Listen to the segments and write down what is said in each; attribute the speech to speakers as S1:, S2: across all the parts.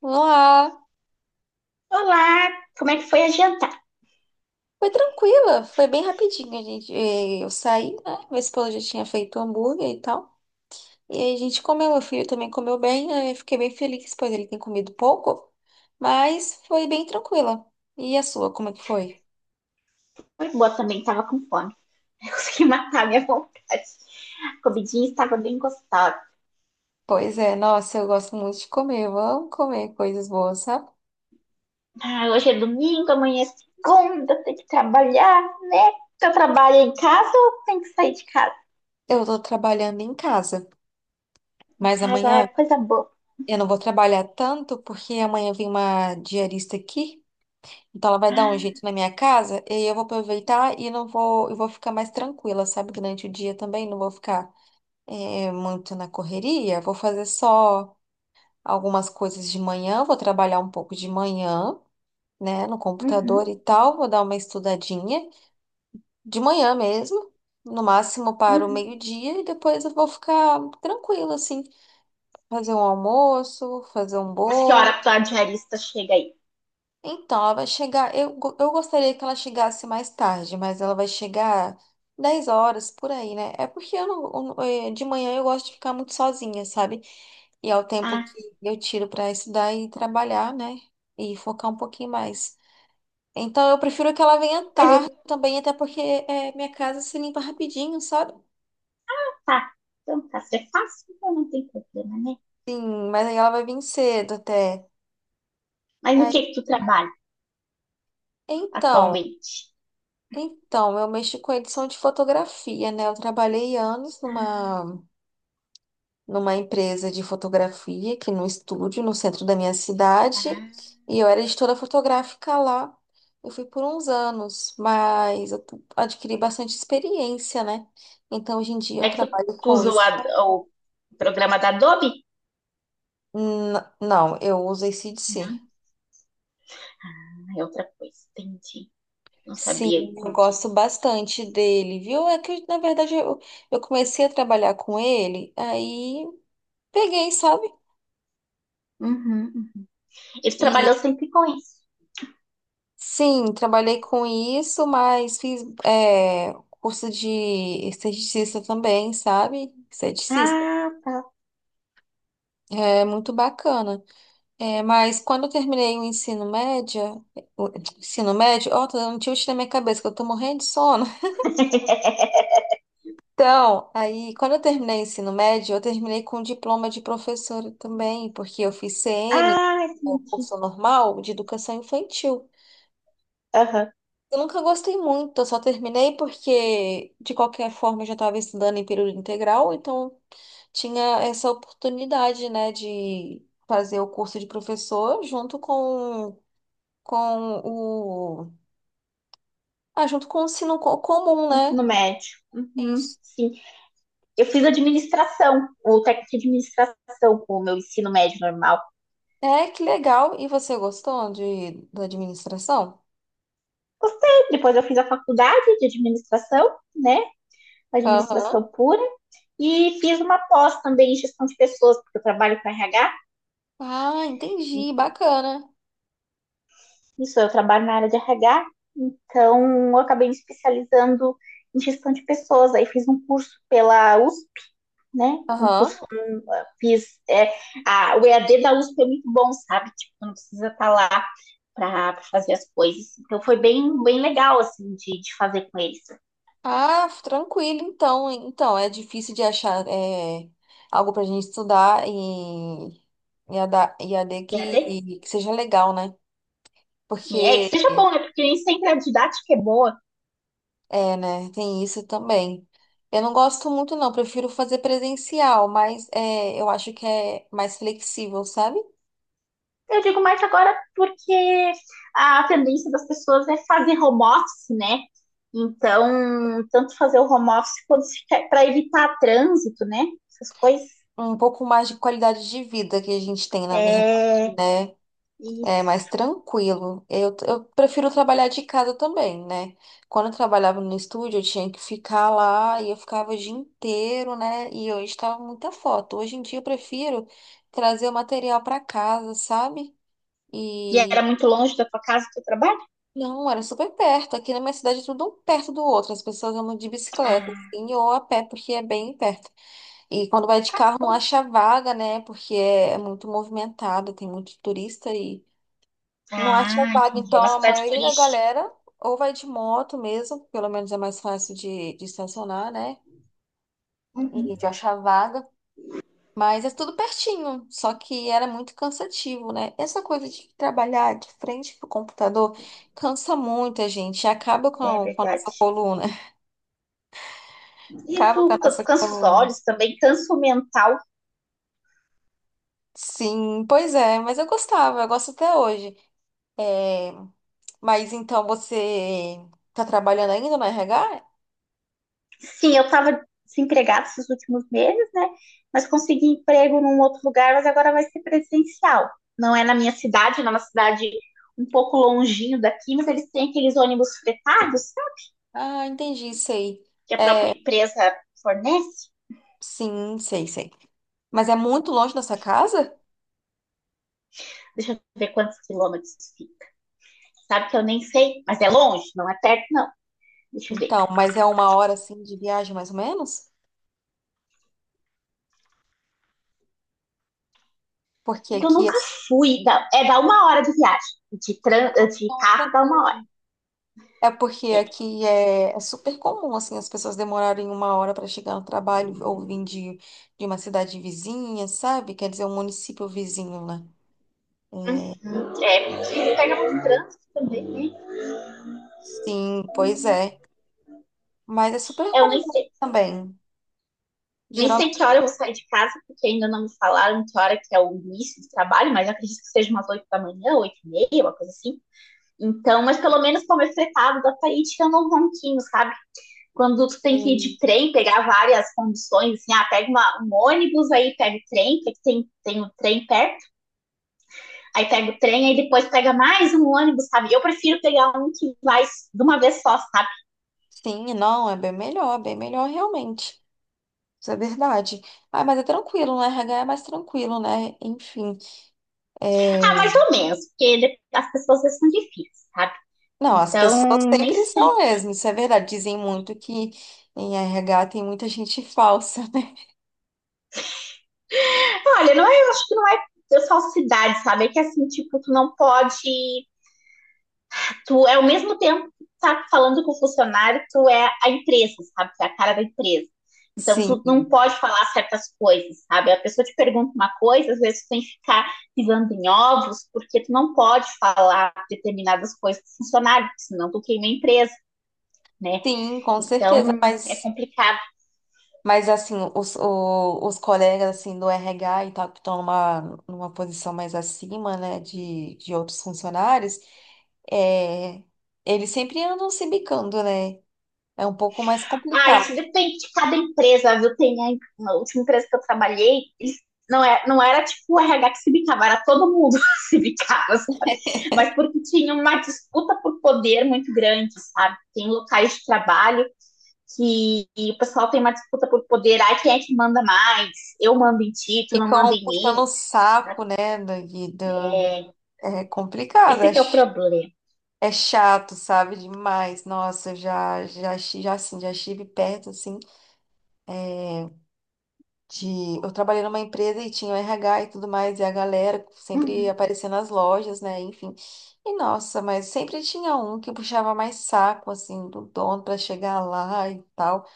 S1: Olá!
S2: Olá, como é que foi a jantar?
S1: Foi tranquila, foi bem rapidinho. Eu saí, né? Meu esposo já tinha feito hambúrguer e tal. E aí a gente comeu, meu filho também comeu bem. Aí, eu fiquei bem feliz, pois ele tem comido pouco, mas foi bem tranquila. E a sua, como é que foi?
S2: Foi boa também, tava com fome. Eu consegui matar a minha vontade. A comidinha estava bem gostosa.
S1: Pois é, nossa, eu gosto muito de comer, eu amo comer coisas boas, sabe?
S2: Ah, hoje é domingo, amanhã é segunda, tem que trabalhar, né? Eu trabalho em casa ou tem que sair de casa?
S1: Eu tô trabalhando em casa,
S2: Em
S1: mas
S2: casa é
S1: amanhã
S2: coisa boa.
S1: eu não vou trabalhar tanto, porque amanhã vem uma diarista aqui. Então ela vai dar um jeito
S2: Ah,
S1: na minha casa e aí eu vou aproveitar e não vou, eu vou ficar mais tranquila, sabe? Durante o dia também não vou ficar muito na correria. Vou fazer só algumas coisas de manhã, vou trabalhar um pouco de manhã, né, no computador
S2: uhum,
S1: e tal, vou dar uma estudadinha de manhã mesmo, no máximo para o
S2: uhum.
S1: meio-dia e depois eu vou ficar tranquila assim, fazer um almoço, fazer um
S2: Mas que hora
S1: bolo.
S2: a tua diarista chega aí?
S1: Então, ela vai chegar. Eu gostaria que ela chegasse mais tarde, mas ela vai chegar 10 horas por aí, né? É porque eu não, de manhã eu gosto de ficar muito sozinha, sabe? E é o tempo
S2: Ah,
S1: que eu tiro para estudar e trabalhar, né? E focar um pouquinho mais. Então, eu prefiro que ela venha
S2: mas
S1: tarde
S2: eu...
S1: também, até porque minha casa se limpa rapidinho, sabe?
S2: Tá, então tá. Se é fácil, então não tem problema, né?
S1: Sim, mas aí ela vai vir cedo até.
S2: Mas no que tu
S1: E-
S2: trabalha
S1: Então,
S2: atualmente?
S1: então, eu mexo com edição de fotografia, né? Eu trabalhei anos numa empresa de fotografia aqui no estúdio, no centro da minha cidade,
S2: Ah,
S1: e eu era editora fotográfica lá. Eu fui por uns anos, mas adquiri bastante experiência, né? Então, hoje em dia, eu
S2: é que tu,
S1: trabalho
S2: tu
S1: com
S2: usa o,
S1: isso.
S2: Ad- o programa da Adobe?
S1: Não, eu uso AC/DC.
S2: Não, é outra coisa. Entendi. Não
S1: Sim,
S2: sabia.
S1: eu gosto bastante dele, viu? É que, na verdade, eu comecei a trabalhar com ele, aí peguei, sabe?
S2: Uhum, uhum. Ele trabalhou sempre com isso.
S1: Sim, trabalhei com isso, mas fiz curso de esteticista também, sabe? Esteticista.
S2: Ah, tá.
S1: É muito bacana. É, mas quando eu terminei o ensino médio, ó, tô dando um tilt na minha cabeça, que eu tô morrendo de sono. Então, aí, quando eu terminei o ensino médio, eu terminei com diploma de professora também, porque eu fiz CN,
S2: Ah,
S1: o
S2: entendi.
S1: curso normal de educação infantil.
S2: Aham.
S1: Eu nunca gostei muito, eu só terminei porque, de qualquer forma, eu já estava estudando em período integral, então tinha essa oportunidade, né, de fazer o curso de professor junto com o. Ah, junto com o ensino comum, né?
S2: Ensino médio. Uhum,
S1: Isso.
S2: sim. Eu fiz administração, o técnico de administração, com o meu ensino médio normal.
S1: É, que legal. E você gostou da administração?
S2: Gostei. Depois eu fiz a faculdade de administração, né?
S1: Aham.
S2: Administração pura. E fiz uma pós também em gestão de pessoas, porque eu trabalho com RH.
S1: Ah, entendi, bacana.
S2: Isso, eu trabalho na área de RH, então eu acabei me especializando em gestão de pessoas. Aí fiz um curso pela USP, né? Um
S1: Aham.
S2: curso, um, fiz. É, o EAD da USP é muito bom, sabe? Tipo, não precisa estar lá para fazer as coisas. Então foi bem, bem legal, assim, de fazer com eles.
S1: Ah, tranquilo, então. Então, é difícil de achar algo pra gente estudar e AD
S2: EAD?
S1: que seja legal, né?
S2: Sim, é que
S1: Porque,
S2: seja bom, né? Porque nem sempre a didática é boa.
S1: né, tem isso também. Eu não gosto muito, não, prefiro fazer presencial, mas eu acho que é mais flexível, sabe?
S2: Eu digo mais agora porque a tendência das pessoas é fazer home office, né? Então, tanto fazer o home office quanto para evitar trânsito, né? Essas coisas.
S1: Um pouco mais de qualidade de vida que a gente tem, na verdade,
S2: É,
S1: né?
S2: e,
S1: É mais tranquilo. Eu prefiro trabalhar de casa também, né? Quando eu trabalhava no estúdio, eu tinha que ficar lá e eu ficava o dia inteiro, né? E eu estava muita foto. Hoje em dia eu prefiro trazer o material para casa, sabe?
S2: e era
S1: E
S2: muito longe da tua casa, do teu trabalho?
S1: não, era super perto. Aqui na minha cidade é tudo um perto do outro. As pessoas andam de bicicleta,
S2: Ah,
S1: assim, ou a pé, porque é bem perto. E quando vai de
S2: tá,
S1: carro
S2: tá
S1: não
S2: bom.
S1: acha vaga, né? Porque é muito movimentado, tem muito turista. Não é só
S2: Ah, entendi. É uma
S1: então a
S2: cidade
S1: maioria da
S2: turística.
S1: galera ou vai de moto mesmo, pelo menos é mais fácil de estacionar, né?
S2: Uhum,
S1: E de achar vaga. Mas é tudo pertinho, só que era muito cansativo, né? Essa coisa de trabalhar de frente pro computador cansa muito a gente, acaba com
S2: é
S1: a, com a nossa
S2: verdade.
S1: coluna.
S2: E
S1: Acaba
S2: tu,
S1: com a
S2: tu
S1: nossa
S2: cansa os
S1: coluna.
S2: olhos também, cansa o mental.
S1: Sim, pois é, mas eu gostava, eu gosto até hoje. É, mas então você tá trabalhando ainda no RH?
S2: Sim, eu estava desempregada esses últimos meses, né? Mas consegui emprego num outro lugar, mas agora vai ser presencial. Não é na minha cidade, não é uma cidade um pouco longinho daqui, mas eles têm aqueles ônibus fretados, sabe?
S1: Ah, entendi, sei.
S2: Que a própria empresa fornece.
S1: Sim, sei, sei. Mas é muito longe dessa casa?
S2: Deixa eu ver quantos quilômetros fica. Sabe que eu nem sei, mas é longe, não é perto, não. Deixa eu ver.
S1: Então, mas é uma hora assim de viagem mais ou menos? Porque
S2: É que eu
S1: aqui é
S2: nunca
S1: super
S2: fui. Dá uma hora de viagem. De carro dá uma hora.
S1: tranquilo. É porque aqui é super comum assim as pessoas demorarem uma hora para chegar no trabalho ou vir de uma cidade vizinha, sabe? Quer dizer, um município vizinho, né? É,
S2: É, porque pega muito trânsito também, né?
S1: sim, pois é. Mas é super
S2: É, eu nem
S1: comum
S2: sei.
S1: também.
S2: Nem sei
S1: Geralmente,
S2: que hora eu vou sair de casa, porque ainda não me falaram que hora que é o início do trabalho, mas acredito que seja umas 8 da manhã, 8h30, uma coisa assim. Então, mas pelo menos comer fretado da Tahiti eu não ronquinho, sabe? Quando tu tem que ir de trem, pegar várias condições, assim, ah, pega uma, um ônibus, aí pega o trem, porque tem o trem perto, aí pega o trem, aí depois pega mais um ônibus, sabe? Eu prefiro pegar um que vai de uma vez só, sabe?
S1: sim, não, é bem melhor realmente. Isso é verdade. Ah, mas é tranquilo, né? RH é mais tranquilo, né? Enfim. é,
S2: Ah, mais ou menos, porque as pessoas são difíceis, sabe?
S1: Não, as pessoas
S2: Então, nem
S1: sempre
S2: sei.
S1: são mesmo, isso é verdade. Dizem muito que em RH tem muita gente falsa, né?
S2: Olha, não é, eu acho que não é de falsidade, sabe? É que assim, tipo, tu não pode. Tu é ao mesmo tempo que tá falando com o funcionário, tu é a empresa, sabe? Tu é a cara da empresa. Então,
S1: Sim,
S2: tu não pode falar certas coisas, sabe? A pessoa te pergunta uma coisa, às vezes tu tem que ficar pisando em ovos, porque tu não pode falar determinadas coisas pro funcionário, porque senão tu queima a empresa, né?
S1: sim, com certeza.
S2: Então, é
S1: Mas,
S2: complicado.
S1: mas assim, os colegas assim, do RH e tal, que estão numa posição mais acima, né, de outros funcionários, é, eles sempre andam se bicando, né? É um pouco mais
S2: Ah,
S1: complicado.
S2: isso depende de cada empresa, viu? Tem na última empresa que eu trabalhei, não, não era tipo o RH que se bicava, era todo mundo se bicava, sabe? Mas porque tinha uma disputa por poder muito grande, sabe? Tem locais de trabalho que e o pessoal tem uma disputa por poder, ai, quem é que manda mais? Eu mando em ti, tu não manda
S1: Ficam
S2: em
S1: puxando
S2: mim.
S1: o saco, né? É complicado,
S2: Esse que é o problema.
S1: é chato, sabe? Demais. Nossa, eu já estive perto, assim, de... Eu trabalhei numa empresa e tinha o RH e tudo mais, e a galera sempre
S2: Uhum,
S1: aparecia nas lojas, né? Enfim. E, nossa, mas sempre tinha um que puxava mais saco, assim, do dono pra chegar lá e tal.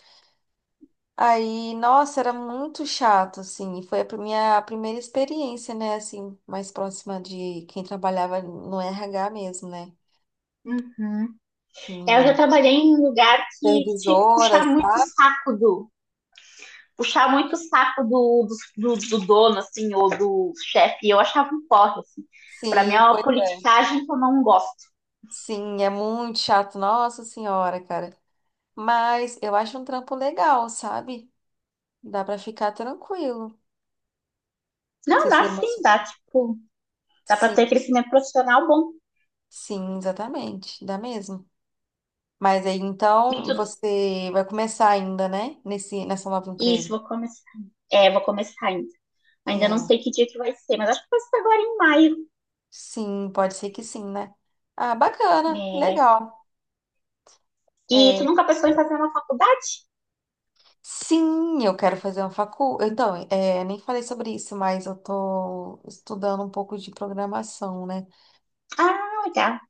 S1: Aí, nossa, era muito chato, assim. E foi a minha primeira experiência, né? Assim, mais próxima de quem trabalhava no RH mesmo, né?
S2: uhum. É, eu já
S1: Em
S2: trabalhei em um lugar que tinha que
S1: supervisora, sabe?
S2: puxar muito o saco do, dono, assim, ou do chefe. Eu achava um porre, assim. Pra mim é
S1: Sim,
S2: uma
S1: pois é.
S2: politicagem que eu não gosto.
S1: Sim, é muito chato, nossa senhora, cara. Mas eu acho um trampo legal, sabe? Dá pra ficar tranquilo.
S2: Não,
S1: Você se
S2: dá sim,
S1: emociona.
S2: dá, tipo, dá pra
S1: Sim,
S2: ter crescimento profissional bom
S1: sim, exatamente. Dá mesmo. Mas aí,
S2: e
S1: então,
S2: tudo.
S1: você vai começar ainda, né? Nessa nova
S2: Isso,
S1: empresa.
S2: vou começar. É, vou começar ainda. Ainda não
S1: É.
S2: sei que dia que vai ser, mas acho que vai ser agora em maio.
S1: Sim, pode ser que sim, né? Ah, bacana,
S2: É.
S1: legal.
S2: E tu
S1: É,
S2: nunca pensou em fazer uma faculdade?
S1: sim, eu quero fazer uma facu. Então, nem falei sobre isso, mas eu tô estudando um pouco de programação, né?
S2: Ah, legal.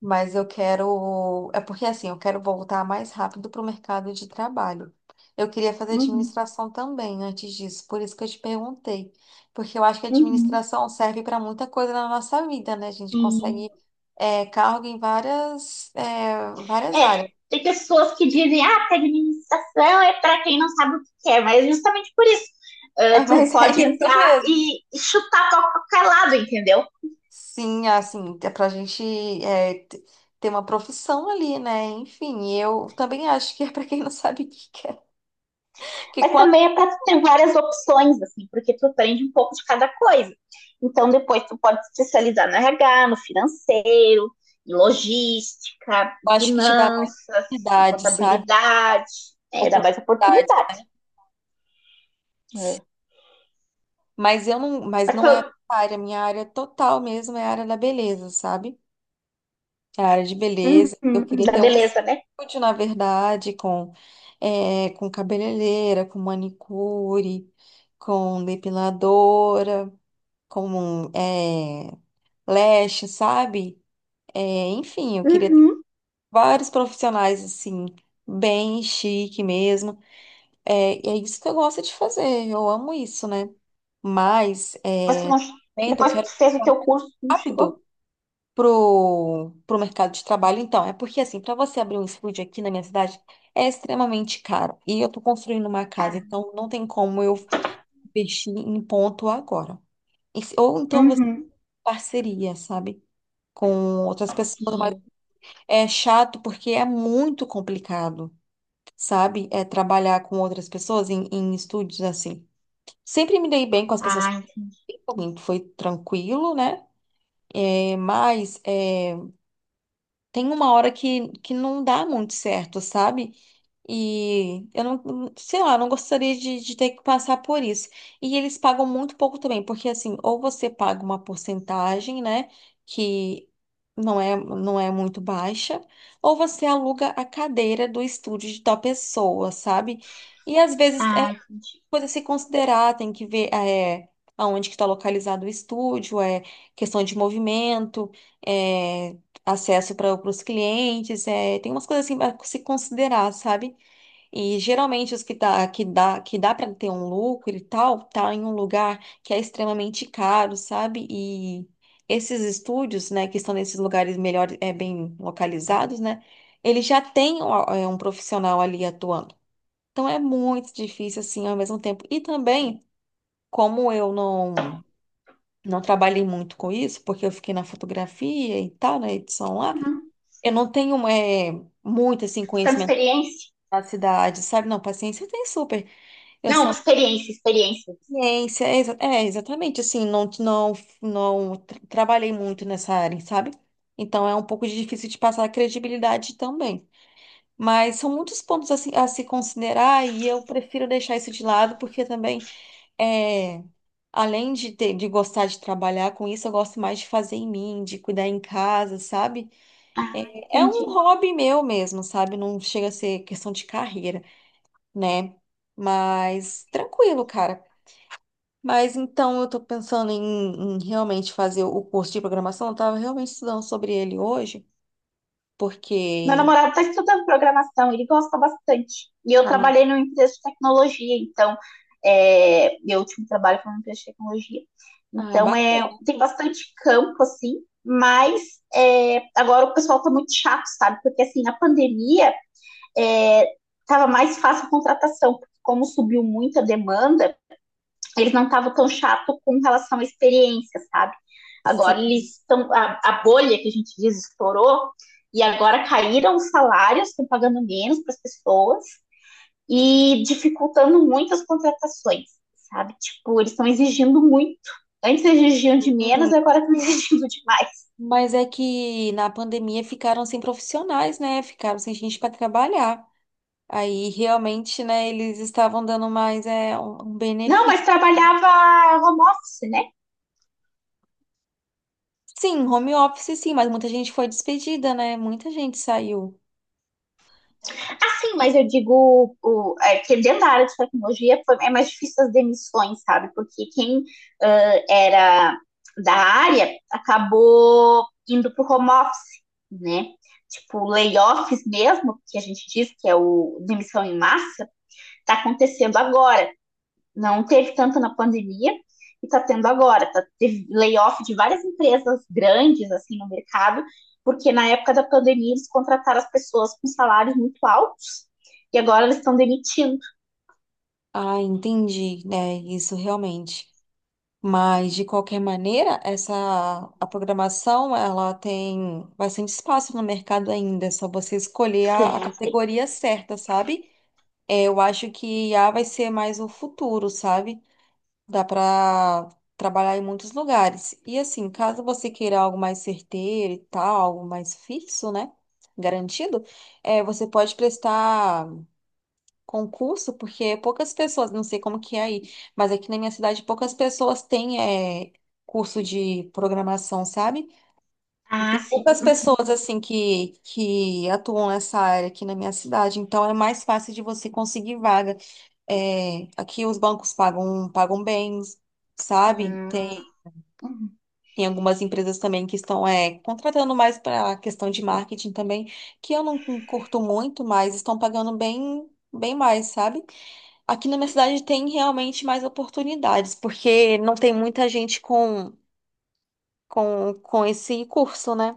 S1: Mas eu quero. É porque assim, eu quero voltar mais rápido pro mercado de trabalho. Eu queria fazer
S2: Uhum,
S1: administração também antes disso, por isso que eu te perguntei. Porque eu acho que a
S2: uhum.
S1: administração serve para muita coisa na nossa vida, né? A gente
S2: Sim.
S1: consegue. Cargo em várias, várias
S2: É,
S1: áreas.
S2: tem pessoas que dizem, ah, que administração é para quem não sabe o que quer, mas justamente por isso.
S1: É,
S2: Ah, tu
S1: mas é
S2: pode
S1: isso
S2: entrar
S1: mesmo.
S2: e chutar para qualquer lado, entendeu?
S1: Sim, assim, é pra gente é, t- ter uma profissão ali, né? Enfim, eu também acho que é pra quem não sabe o que quer. Porque
S2: Mas
S1: quando
S2: também é para tu ter várias opções, assim, porque tu aprende um pouco de cada coisa. Então, depois tu pode se especializar no RH, no financeiro, em logística,
S1: eu
S2: em
S1: acho que te dá mais
S2: finanças, em
S1: oportunidade, sabe?
S2: contabilidade. É, dá mais
S1: Oportunidade.
S2: oportunidade. É.
S1: Mas eu não, mas
S2: Mas,
S1: não é a área, minha área total mesmo é a área da beleza, sabe? É a área de
S2: uhum,
S1: beleza. Eu
S2: uhum,
S1: queria
S2: dá
S1: ter um
S2: beleza, né?
S1: estúdio, na verdade, com, com cabeleireira, com manicure, com depiladora. Como um, leste, sabe? É, enfim, eu queria ter vários profissionais assim, bem chique mesmo. É, e é isso que eu gosto de fazer, eu amo isso, né? Mas
S2: Mas tu não,
S1: então eu
S2: depois que
S1: quero
S2: tu fez o teu curso, tu não
S1: rápido
S2: chegou?
S1: pro mercado de trabalho. Então, é porque assim, para você abrir um estúdio aqui na minha cidade é extremamente caro. E eu tô construindo uma casa,
S2: Ah,
S1: então não tem como eu investir em ponto agora. Ou então você
S2: uhum.
S1: parceria, sabe? Com outras pessoas, mas
S2: Sim.
S1: é chato porque é muito complicado, sabe? É trabalhar com outras pessoas em, estúdios assim. Sempre me dei bem com as pessoas,
S2: Ah,
S1: que
S2: entendi.
S1: eu fiz, foi tranquilo, né? É, mas tem uma hora que não dá muito certo, sabe? E eu não, sei lá, eu não gostaria de ter que passar por isso. E eles pagam muito pouco também, porque assim, ou você paga uma porcentagem, né, que não é, não é muito baixa, ou você aluga a cadeira do estúdio de tal pessoa, sabe? E às vezes é
S2: Ah, entendi.
S1: coisa a se considerar, tem que ver aonde que está localizado o estúdio, é questão de movimento, é, acesso para os clientes, tem umas coisas assim para se considerar, sabe? E geralmente os que dá para ter um lucro e tal, tá em um lugar que é extremamente caro, sabe? E esses estúdios, né, que estão nesses lugares melhor, bem localizados, né? Ele já tem ó, um profissional ali atuando. Então é muito difícil assim ao mesmo tempo. E também, como eu não trabalhei muito com isso, porque eu fiquei na fotografia e tal, na edição lá,
S2: Uhum.
S1: eu não tenho muito assim
S2: Ficando
S1: conhecimento
S2: experiência?
S1: da cidade, sabe? Não, paciência eu tenho super. Eu
S2: Não,
S1: sou
S2: experiência, experiência.
S1: ciência, exatamente assim, não trabalhei muito nessa área, sabe? Então é um pouco difícil de passar a credibilidade também. Mas são muitos pontos a se, considerar e eu prefiro deixar isso de lado porque também. É, Além de ter, de gostar de trabalhar com isso, eu gosto mais de fazer em mim, de cuidar em casa, sabe?
S2: Ah,
S1: É
S2: entendi.
S1: um hobby meu mesmo, sabe? Não chega a ser questão de carreira, né? Mas tranquilo, cara. Mas então eu tô pensando em, realmente fazer o curso de programação. Eu tava realmente estudando sobre ele hoje,
S2: Meu
S1: porque.
S2: namorado está estudando programação, ele gosta bastante. E eu
S1: Ah,
S2: trabalhei numa empresa de tecnologia, então meu último trabalho foi numa empresa de tecnologia.
S1: ah,
S2: Então
S1: bacana.
S2: tem bastante campo, assim, mas agora o pessoal está muito chato, sabe? Porque assim, na pandemia estava mais fácil a contratação, porque como subiu muito a demanda, eles não estavam tão chato com relação à experiência, sabe? Agora
S1: Sim.
S2: eles estão. A bolha que a gente diz estourou, e agora caíram os salários, estão pagando menos para as pessoas e dificultando muito as contratações, sabe? Tipo, eles estão exigindo muito. Antes exigiam de menos, agora estão exigindo demais.
S1: Mas é que na pandemia ficaram sem profissionais, né? Ficaram sem gente para trabalhar. Aí realmente, né, eles estavam dando mais um,
S2: Não,
S1: benefício.
S2: mas trabalhava home office, né?
S1: Sim, home office sim, mas muita gente foi despedida, né? Muita gente saiu.
S2: Sim, mas eu digo que dentro da área de tecnologia foi, é mais difícil as demissões, sabe? Porque quem era da área acabou indo para o home office, né? Tipo, layoffs mesmo, que a gente diz que é o demissão em massa, está acontecendo agora. Não teve tanto na pandemia e está tendo agora. Tá, teve layoff de várias empresas grandes assim no mercado, porque na época da pandemia eles contrataram as pessoas com salários muito altos e agora eles estão demitindo.
S1: Ah, entendi, né? Isso realmente. Mas de qualquer maneira, essa a programação, ela tem bastante espaço no mercado ainda, é só você escolher
S2: Sei,
S1: a
S2: sei.
S1: categoria certa, sabe? É, eu acho que IA vai ser mais o futuro, sabe? Dá para trabalhar em muitos lugares. E assim, caso você queira algo mais certeiro e tal, algo mais fixo, né? Garantido, você pode prestar concurso, porque poucas pessoas, não sei como que é aí, mas aqui na minha cidade poucas pessoas têm é, curso de programação, sabe? E
S2: Ah,
S1: tem
S2: sim.
S1: poucas pessoas assim que atuam nessa área aqui na minha cidade, então é mais fácil de você conseguir vaga. É, aqui os bancos pagam bens, sabe?
S2: Hum,
S1: Tem,
S2: uhum,
S1: tem algumas empresas também que estão contratando mais para a questão de marketing também, que eu não curto muito, mas estão pagando bem, bem mais, sabe? Aqui na minha cidade tem realmente mais oportunidades, porque não tem muita gente com esse curso, né?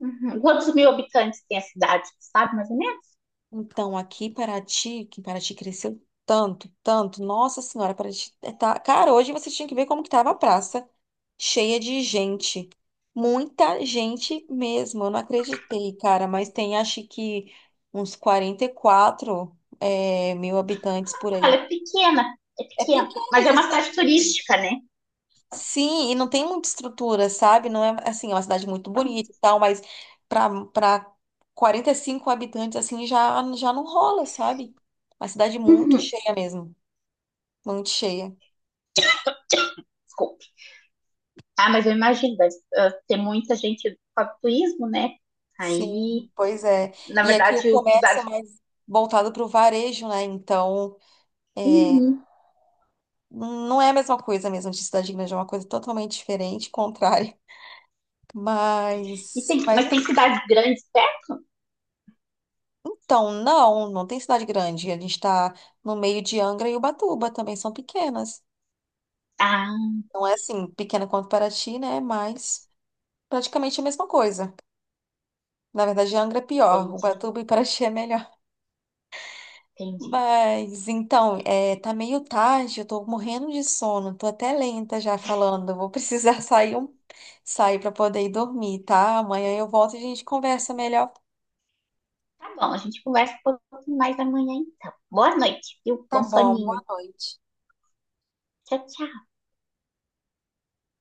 S2: uhum. Quantos mil habitantes tem a cidade, sabe? Mas nem menos?
S1: Então, aqui em Paraty, que Paraty cresceu tanto, tanto, nossa senhora, Paraty tá... Cara, hoje você tinha que ver como que tava a praça. Cheia de gente. Muita gente mesmo. Eu não acreditei, cara, mas tem acho que uns 44 mil habitantes por aí.
S2: É pequena, é
S1: É
S2: pequena.
S1: pequena,
S2: Mas é uma cidade
S1: justamente.
S2: turística, né?
S1: Sim, e não tem muita estrutura, sabe? Não é assim, é uma cidade muito bonita e tal, mas para 45 habitantes assim já já não rola, sabe? Uma cidade muito
S2: Uhum.
S1: cheia mesmo, muito cheia.
S2: Desculpe. Ah, mas eu imagino, deve ter muita gente para turismo, né?
S1: Sim,
S2: Aí,
S1: pois é.
S2: na
S1: E aqui o
S2: verdade, o
S1: comércio é
S2: cidade.
S1: mais voltado para o varejo, né? Então,
S2: Uhum.
S1: não é a mesma coisa mesmo de cidade grande, é uma coisa totalmente diferente, contrária.
S2: E
S1: Mas
S2: mas tem cidades grandes perto?
S1: então, não, não tem cidade grande. A gente está no meio de Angra e Ubatuba, também são pequenas.
S2: Ah,
S1: Não é assim, pequena quanto Paraty, né? Mas praticamente a mesma coisa. Na verdade, Angra é pior,
S2: entendi,
S1: Ubatuba e Paraty é melhor.
S2: entendi.
S1: Mas então, tá meio tarde, eu tô morrendo de sono, tô até lenta já falando. Eu vou precisar sair sair para poder ir dormir, tá? Amanhã eu volto e a gente conversa melhor.
S2: Tá bom, a gente conversa um pouquinho mais amanhã, então. Boa noite, viu?
S1: Tá
S2: Bom
S1: bom, boa
S2: soninho.
S1: noite.
S2: Tchau, tchau.